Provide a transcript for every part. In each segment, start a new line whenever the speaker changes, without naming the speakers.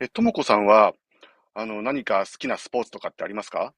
ともこさんは、何か好きなスポーツとかってありますか？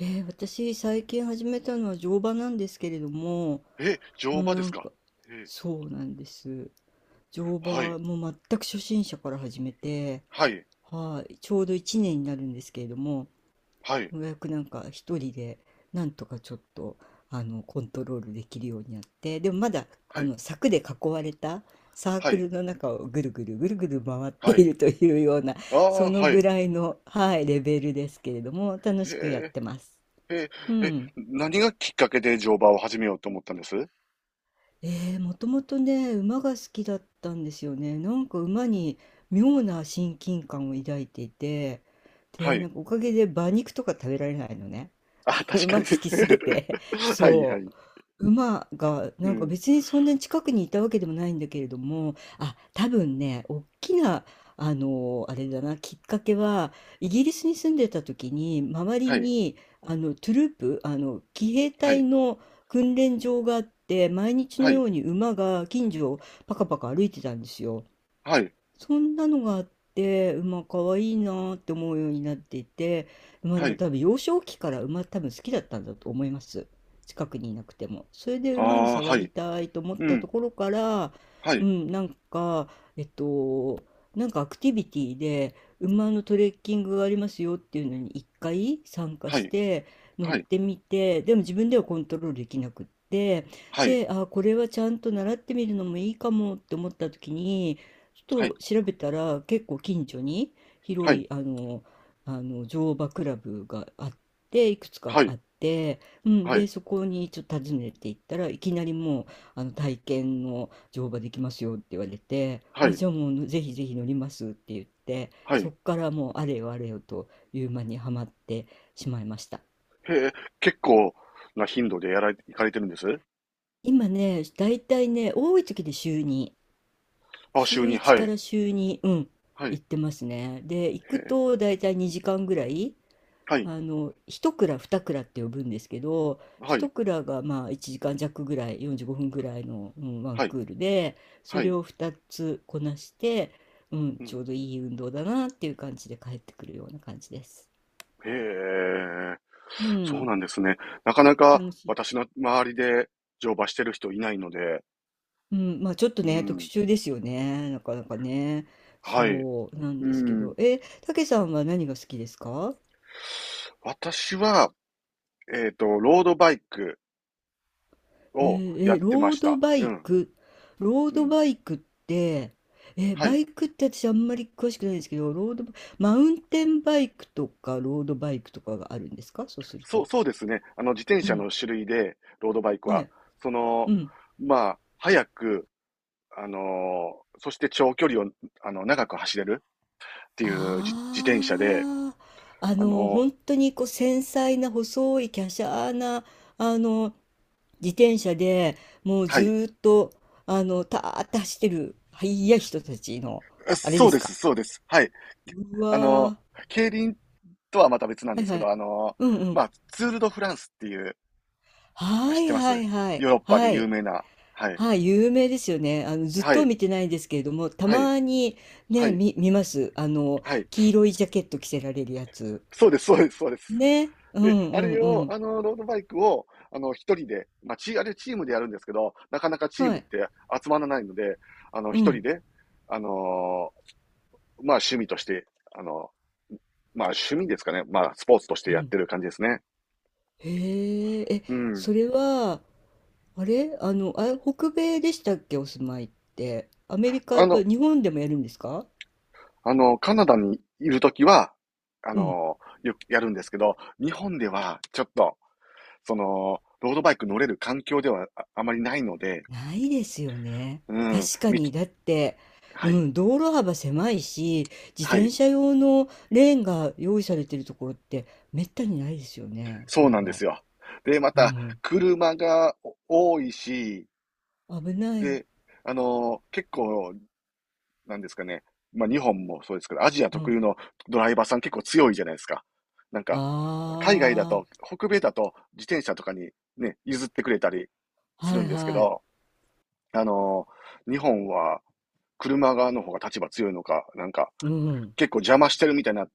私最近始めたのは乗馬なんですけれども、
え、
う
乗
ん
馬
な
です
ん
か？
か
え、
そうなんです。乗
は
馬
い、
も全く初心者から始めて、
はい、
はい、ちょうど1年になるんですけれども、
はい、
ようやくなんか一人でなんとかちょっとコントロールできるようになって、でもまだあ
はい、
の柵で囲われたサー
は
ク
い、
ルの中をぐるぐるぐるぐる回って
は
い
い。
るというような、
あ
そ
あ、
の
はい。
ぐ
へ
らいの、はい、レベルですけれども、楽しくやっ
え、
てます。
へえ、
う
え、
ん。
何がきっかけで乗馬を始めようと思ったんです？
ええ、もともとね、馬が好きだったんですよね。なんか馬に妙な親近感を抱いていて、
は
で、
い。
なんかおかげで馬肉とか食べられないのね。
あ、確
馬
か
好
に。
きすぎて。
はい、は
そ
い。
う。馬が、
う
なんか
ん。
別にそんなに近くにいたわけでもないんだけれども、あ、多分ね、大きな、あれだな、きっかけは、イギリスに住んでた時に、周り
はい、
に、トゥループ、騎兵
は
隊
い、
の訓練場があって、毎日
は
の
い、
ように馬が近所をパカパカ歩いてたんですよ。
はい、
そんなのがあって、馬可愛いいなって思うようになっていて、馬で
は
も
い。
多分幼少期から馬多分好きだったんだと思います。近くにいなくても。それで
あ
馬に
あ、
触
は
り
い。
たいと思っ
う
たと
ん。
ころから、
は
う
い、
ん、なんか、えっと、なんかアクティビティで馬のトレッキングがありますよっていうのに一回参加
は
し
い、
て乗っ
はい、
てみて、でも自分ではコントロールできなくって、
はい、
で、あ、これはちゃんと習ってみるのもいいかもって思った時に、ちょ
はい、
っと調べたら結構近所に
は
広
い、
いあの乗馬クラブがあっていくつか
は
あって、うん、
い、
でそこにちょっと訪ねていったらいきなりもうあの体験の乗馬できますよって言われて
は
あ
い、
じゃあもうぜひぜひ乗りますって言って
はい、はい。は
そ
い、
っからもうあれよあれよという間にはまってしまいました。
へえ、結構な頻度でやられ、行かれてるんです？
今ねだいたいね多い時で週に
あ、週
週
に、
1
は
か
い。
ら週2、うん、
はい。へ
行ってますね。で、行く
え、
と大体2時間ぐらい、
はい。
1クラ、二クラって呼ぶんですけど、
は
1
い。
クラがまあ1時間弱ぐらい、45分ぐらいの、うん、ワン
はい。
クールで、そ
は
れ
い。
を2つこなして、うん、
う
ちょ
ん。
うどいい運動だなっていう感じで帰ってくるような感じです。
へえ、
う
そう
ん、
なんですね。なかなか
楽しい。
私の周りで乗馬してる人いないので、
うん、まあちょっと
う
ね、特
ん。
殊ですよね、なかなかね。
はい。
そうなん
う
ですけど、
ん。
え、たけさんは何が好きですか？
私は、ロードバイクをやっ
ロ
てま
ー
し
ド
た。
バ
う
イ
ん。
ク、ロー
う
ド
ん。
バイクって、
は
バ
い。
イクって私あんまり詳しくないんですけど、ロードバ、マウンテンバイクとかロードバイクとかがあるんですか、そうする
そう
と？
そうですね。自転
う
車
ん。
の種類で、ロードバイク
は
は。
い。
そ
う
の、
ん。
まあ、早くそして長距離を、長く走れるっていう自転車で、
ああ、
あの、
本当にこう繊細な細い華奢な、あの、自転車でもう
は
ず
い。
ーっと、たーって走ってる、速い人たちの、あれで
そうで
すか。
す、そうです。はい。
うわ
あの、
ー、
競輪とはまた別なん
は
で
い
す
は
けど、
い。うん
まあ、ツール・ド・フランスっていう、
は
知っ
い
てま
は
す？
いはい。
ヨーロッパで
は
有
い。
名な。はい。
はい。有名ですよね。ずっ
は
と
い。
見てないですけれども、た
はい。
まに
は
ね、
い。
見ます。
はい。
黄色いジャケット着せられるやつ。
そうです、そうです、そうです。
ね。うんう
で、あ
ん
れ
う
を、
ん。
ロードバイクを、一人で、まあ、チーあれチームでやるんですけど、なかなかチー
は
ムっ
い。
て集まらないので、
う
一人
ん。
で、あのまあ趣味として、あの、まあ趣味ですかね。まあスポーツとして
う
やっ
ん。
てる感じですね。
へえ。
うん。
それは、あれあの、あ北米でしたっけ、お住まいって？アメリカ
あ
と
の、
日本でもやるんですか？
カナダにいるときは、
うん
よくやるんですけど、日本ではちょっと、その、ロードバイク乗れる環境ではああまりないので、
ないですよね。
うん、
確か
みき、
に。だって、う
はい、
ん、道路幅狭いし、自
は
転
い、
車用のレーンが用意されてるところってめったにないですよね。そ
そ
う
う
いえ
なんで
ば。
すよ。で、ま
う
た、
ん。
車がお多いし、
危ない。
で、結構なんですかね。まあ日本もそうですけど、アジア
う
特
ん。
有のドライバーさん結構強いじゃないですか。なんか、海外だ
あ
と、北米だと自転車とかにね、譲ってくれたり
あ、
す
は
る
い
んですけ
はい。
ど、あのー日本は車側の方が立場強いのか、なんか
うん。
結構邪魔してるみたいにな、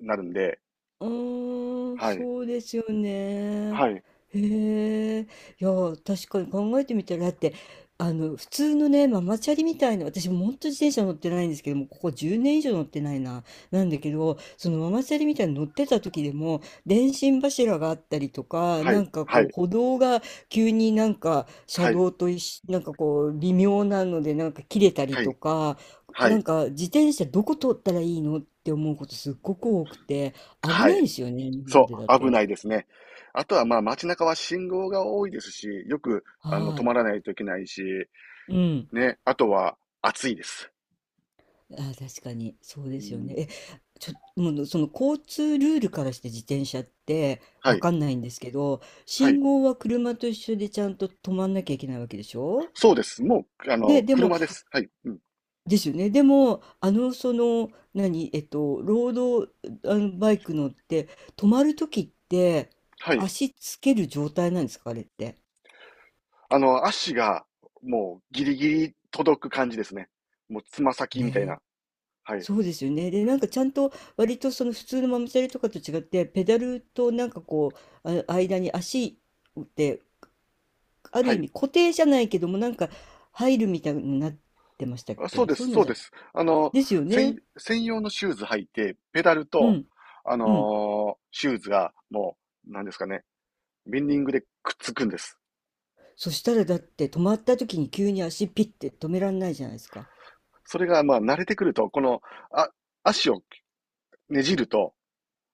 なるんで、
ああ、
はい、
そうですよね。
はい、
へえ。いや、確かに考えてみたら、だって、普通のね、ママチャリみたいな、私も本当自転車乗ってないんですけども、ここ10年以上乗ってないな、なんだけど、そのママチャリみたいに乗ってた時でも、電信柱があったりとか、
は
な
い、
んか
は
こう、
い、
歩道が急になんか車
はい、
道と一緒、なんかこう、微妙なので、なんか切れたり
は
と
い、
か、
は
なん
い、
か自転車どこ通ったらいいのって思うことすっごく多くて。危
は
ない
い。
ですよね、日本
そ
でだ
う、危な
と。
いですね。あとはまあ街中は信号が多いですし、よく止
は
まらないといけないし、
い。うん。
ね、あとは、暑いです。
あ確かに、そうで
う
すよね。
ん。
え、ちょ、もう、その交通ルールからして自転車って
は
わ
い。
かんないんですけど、
は
信
い。
号は車と一緒でちゃんと止まんなきゃいけないわけでしょ？
そうです。もう、
ね、でも、
車です。はい。うん。
ですよね。でも、その、何、ロード、あの、バイク乗って、止まるときって、
はい。
足つける状態なんですか、あれって？
足が、もう、ギリギリ届く感じですね。もう、つま先みたいな。
ね
はい。
そうですよね。で、なんかちゃんと割とその普通のママチャリとかと違って、ペダルとなんかこう、あ、間に足ってある
は
意
い。
味固定じゃないけども、なんか入るみたいになってましたっ
あ、そう
け？
で
そ
す。
ういうの
そう
じ
で
ゃ
す。
ですよね。
専、専用のシューズ履いて、ペダル
う
と、
ん、うん。
シューズが、もう、なんですかね、ベンディングでくっつくんです。
そしたらだって止まった時に急に足ピッて止めらんないじゃないですか。
それが、まあ、慣れてくると、この、あ、足をねじると、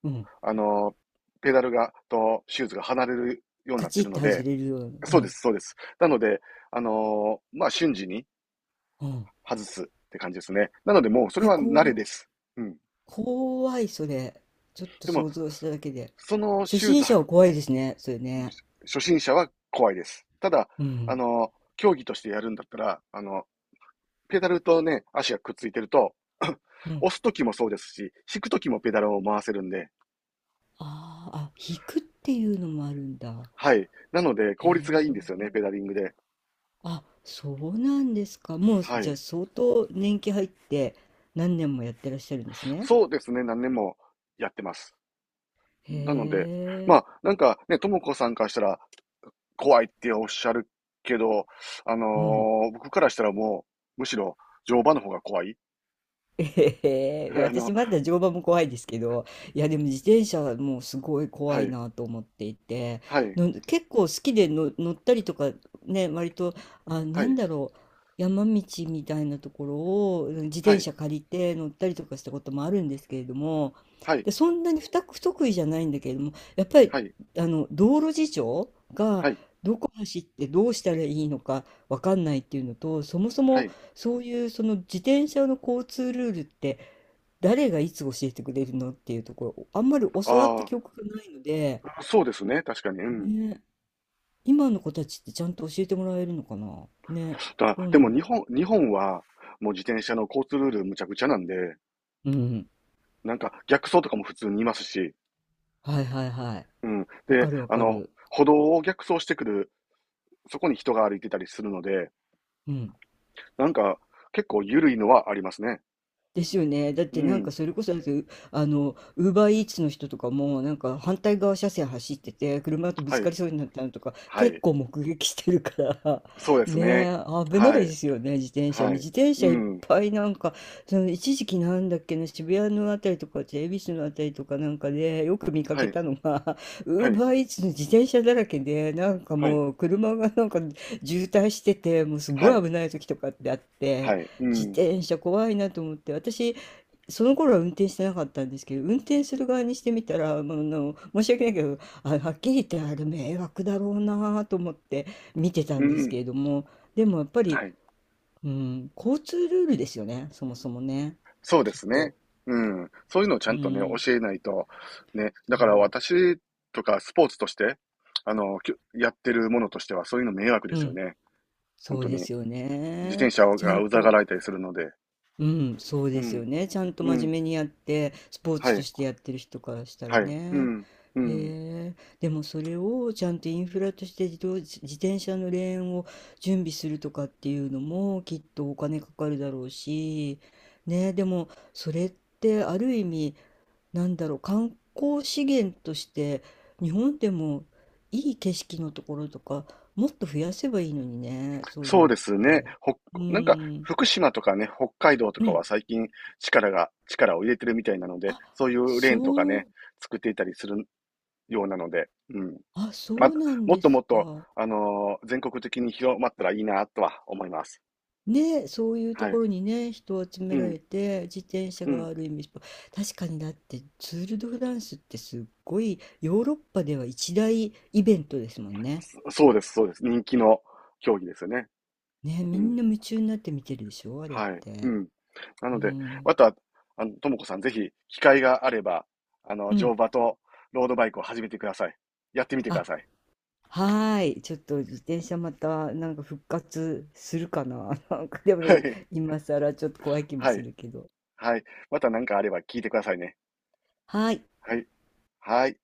うん。
あの、ペダルが、と、シューズが離れるようにな
カ
って
チっ
るの
て外
で、
れるような、う
そうで
ん、
す、そうです。なので、まあ、瞬時に
うん。
外すって感じですね。なので、もう、それ
え、
は慣れ
こ
です。うん。
怖いそれ。ちょっと
でも、
想像しただけで。
その
初
シューズ
心
履
者は
く
怖いですね、それね。
初心者は怖いです。ただ、
うん、
競技としてやるんだったら、ペダルとね、足がくっついてると、
う ん。
押すときもそうですし、引くときもペダルを回せるんで、
ああ、あ、引くっていうのもあるんだ。
はい。なので、
へ
効率がいいんですよね、
え。
ペダリングで。
あ、そうなんですか。もう、
は
じゃ
い。
あ相当年季入って何年もやってらっしゃるんですね。
そうですね、何年もやってます。なので、ま
へえ。
あ、なんかね、ともこさんからしたら怖いっておっしゃるけど、あ
もう
の僕からしたらもう、むしろ乗馬の方が怖い。
ええ
あ
私
の、
まだ乗馬も怖いですけど、いやでも自転車はもうすごい怖
は
い
い、
なと思っていて、
はい、
の結構好きでの乗ったりとかね、割と、あ、
は
なん
い、
だろう、山道みたいなところをうん自
は
転
い、
車借りて乗ったりとかしたこともあるんですけれども、
はい、
で、そんなに不得意じゃないんだけれども、やっぱり
はい、
あの道路事情が
はい、
どこ走ってどうしたらいいのかわかんないっていうのと、そもそ
は
も
い。
そういうその自転車の交通ルールって誰がいつ教えてくれるのっていうところあんまり教わった
あ
記憶がないので、
あ、そうですね、確かに。うん。
ね、今の子たちってちゃんと教えてもらえるのかなね、
だ、
どう
で
な
も
ん
日
でし
本、日本は、もう自転車の交通ルールむちゃくちゃなんで、
ょう。うん。
なんか逆走とかも普通にいますし、
はいはいはい。
うん。
わ
で、
かるわかる。
歩道を逆走してくる、そこに人が歩いてたりするので、
うん。
なんか、結構緩いのはありますね。
ですよね。だっ
う
てなんか
ん。
それこそ、だってうあの、ウーバーイーツの人とかも、なんか反対側車線走ってて、車とぶ
は
つ
い。
かりそうになったのとか、
は
結
い。
構目撃してるから
そうで すね。
ねえ、危ない
は
で
い。
すよね、自転車ね。
はい。
自転
う
車いっ
ん。
ぱいなんか、その一時期なんだっけな、渋谷のあたりとか、恵比寿のあたりとかなんかで、よく見か
は
け
い。
たのが、
は
ウー
い。
バーイーツの自転車だらけで、なんか
はい。
もう車がなんか渋滞してて、もうす
は
ご
い。
い危ない時とかってあっ
は
て、
い。う
自
ん。
転車怖いなと思って私その頃は運転してなかったんですけど運転する側にしてみたら、まあ、申し訳ないけどあはっきり言ってあれ迷惑だろうなと思って見てた
う
んですけ
ん。
れどもでもやっぱり、
はい。
うん、交通ルールですよねそもそもね
そうで
きっ
す
と。
ね。うん。そういうのをちゃ
う
んとね、
ん、
教えないと、ね。
そ
だから
う、
私とかスポーツとして、きゅやってるものとしては、そういうの迷惑で
う
すよ
ん、
ね。本
そう
当
で
に。
すよ
自
ね。
転車
ちゃ
が
ん
うざが
と
られたりするので。
うん、そう
う
ですよ
ん。
ね。ちゃんと
う
真面
ん。
目にやって、スポー
は
ツと
い。
してやってる人からしたら
はい。う
ね。
ん。うん。
へえ、でもそれをちゃんとインフラとして自転車のレーンを準備するとかっていうのもきっとお金かかるだろうし、ね、でもそれってある意味、なんだろう、観光資源として日本でもいい景色のところとかもっと増やせばいいのにね、そういう
そ
の
う
っ
ですね。
て。
ほ、
う
なんか、
ん。
福島とかね、北海道とかは最近力が、力を入れてるみたいなので、
あ、
そういうレ
そ
ーンとかね、
う、
作っていたりするようなので、うん。
あ、そ
ま、
うなん
もっ
で
とも
す
っと、
か。
全国的に広まったらいいなとは思います。
ね、そういうと
は
こ
い。
ろにね、人を集
う
めら
ん、
れて、自転車
う
が
ん。
ある意味、確かにだってツール・ド・フランスってすっごいヨーロッパでは一大イベントですもんね。
そ、そうです、そうです。人気の競技ですよね。
ね、
う
みんな
ん。
夢中になって見てるでしょ、あれっ
はい。う
て。
ん。な
う
ので、
ん。
また、ともこさん、ぜひ、機会があれば、
う
乗
ん。
馬とロードバイクを始めてください。やってみてく
あ、
ださい。
はーい。ちょっと自転車またなんか復活するかな。なんかでも
はい。
今更ちょっと怖い気も
は
す
い。
るけど。
はい。また何かあれば聞いてくださいね。
はーい。
はい。はい。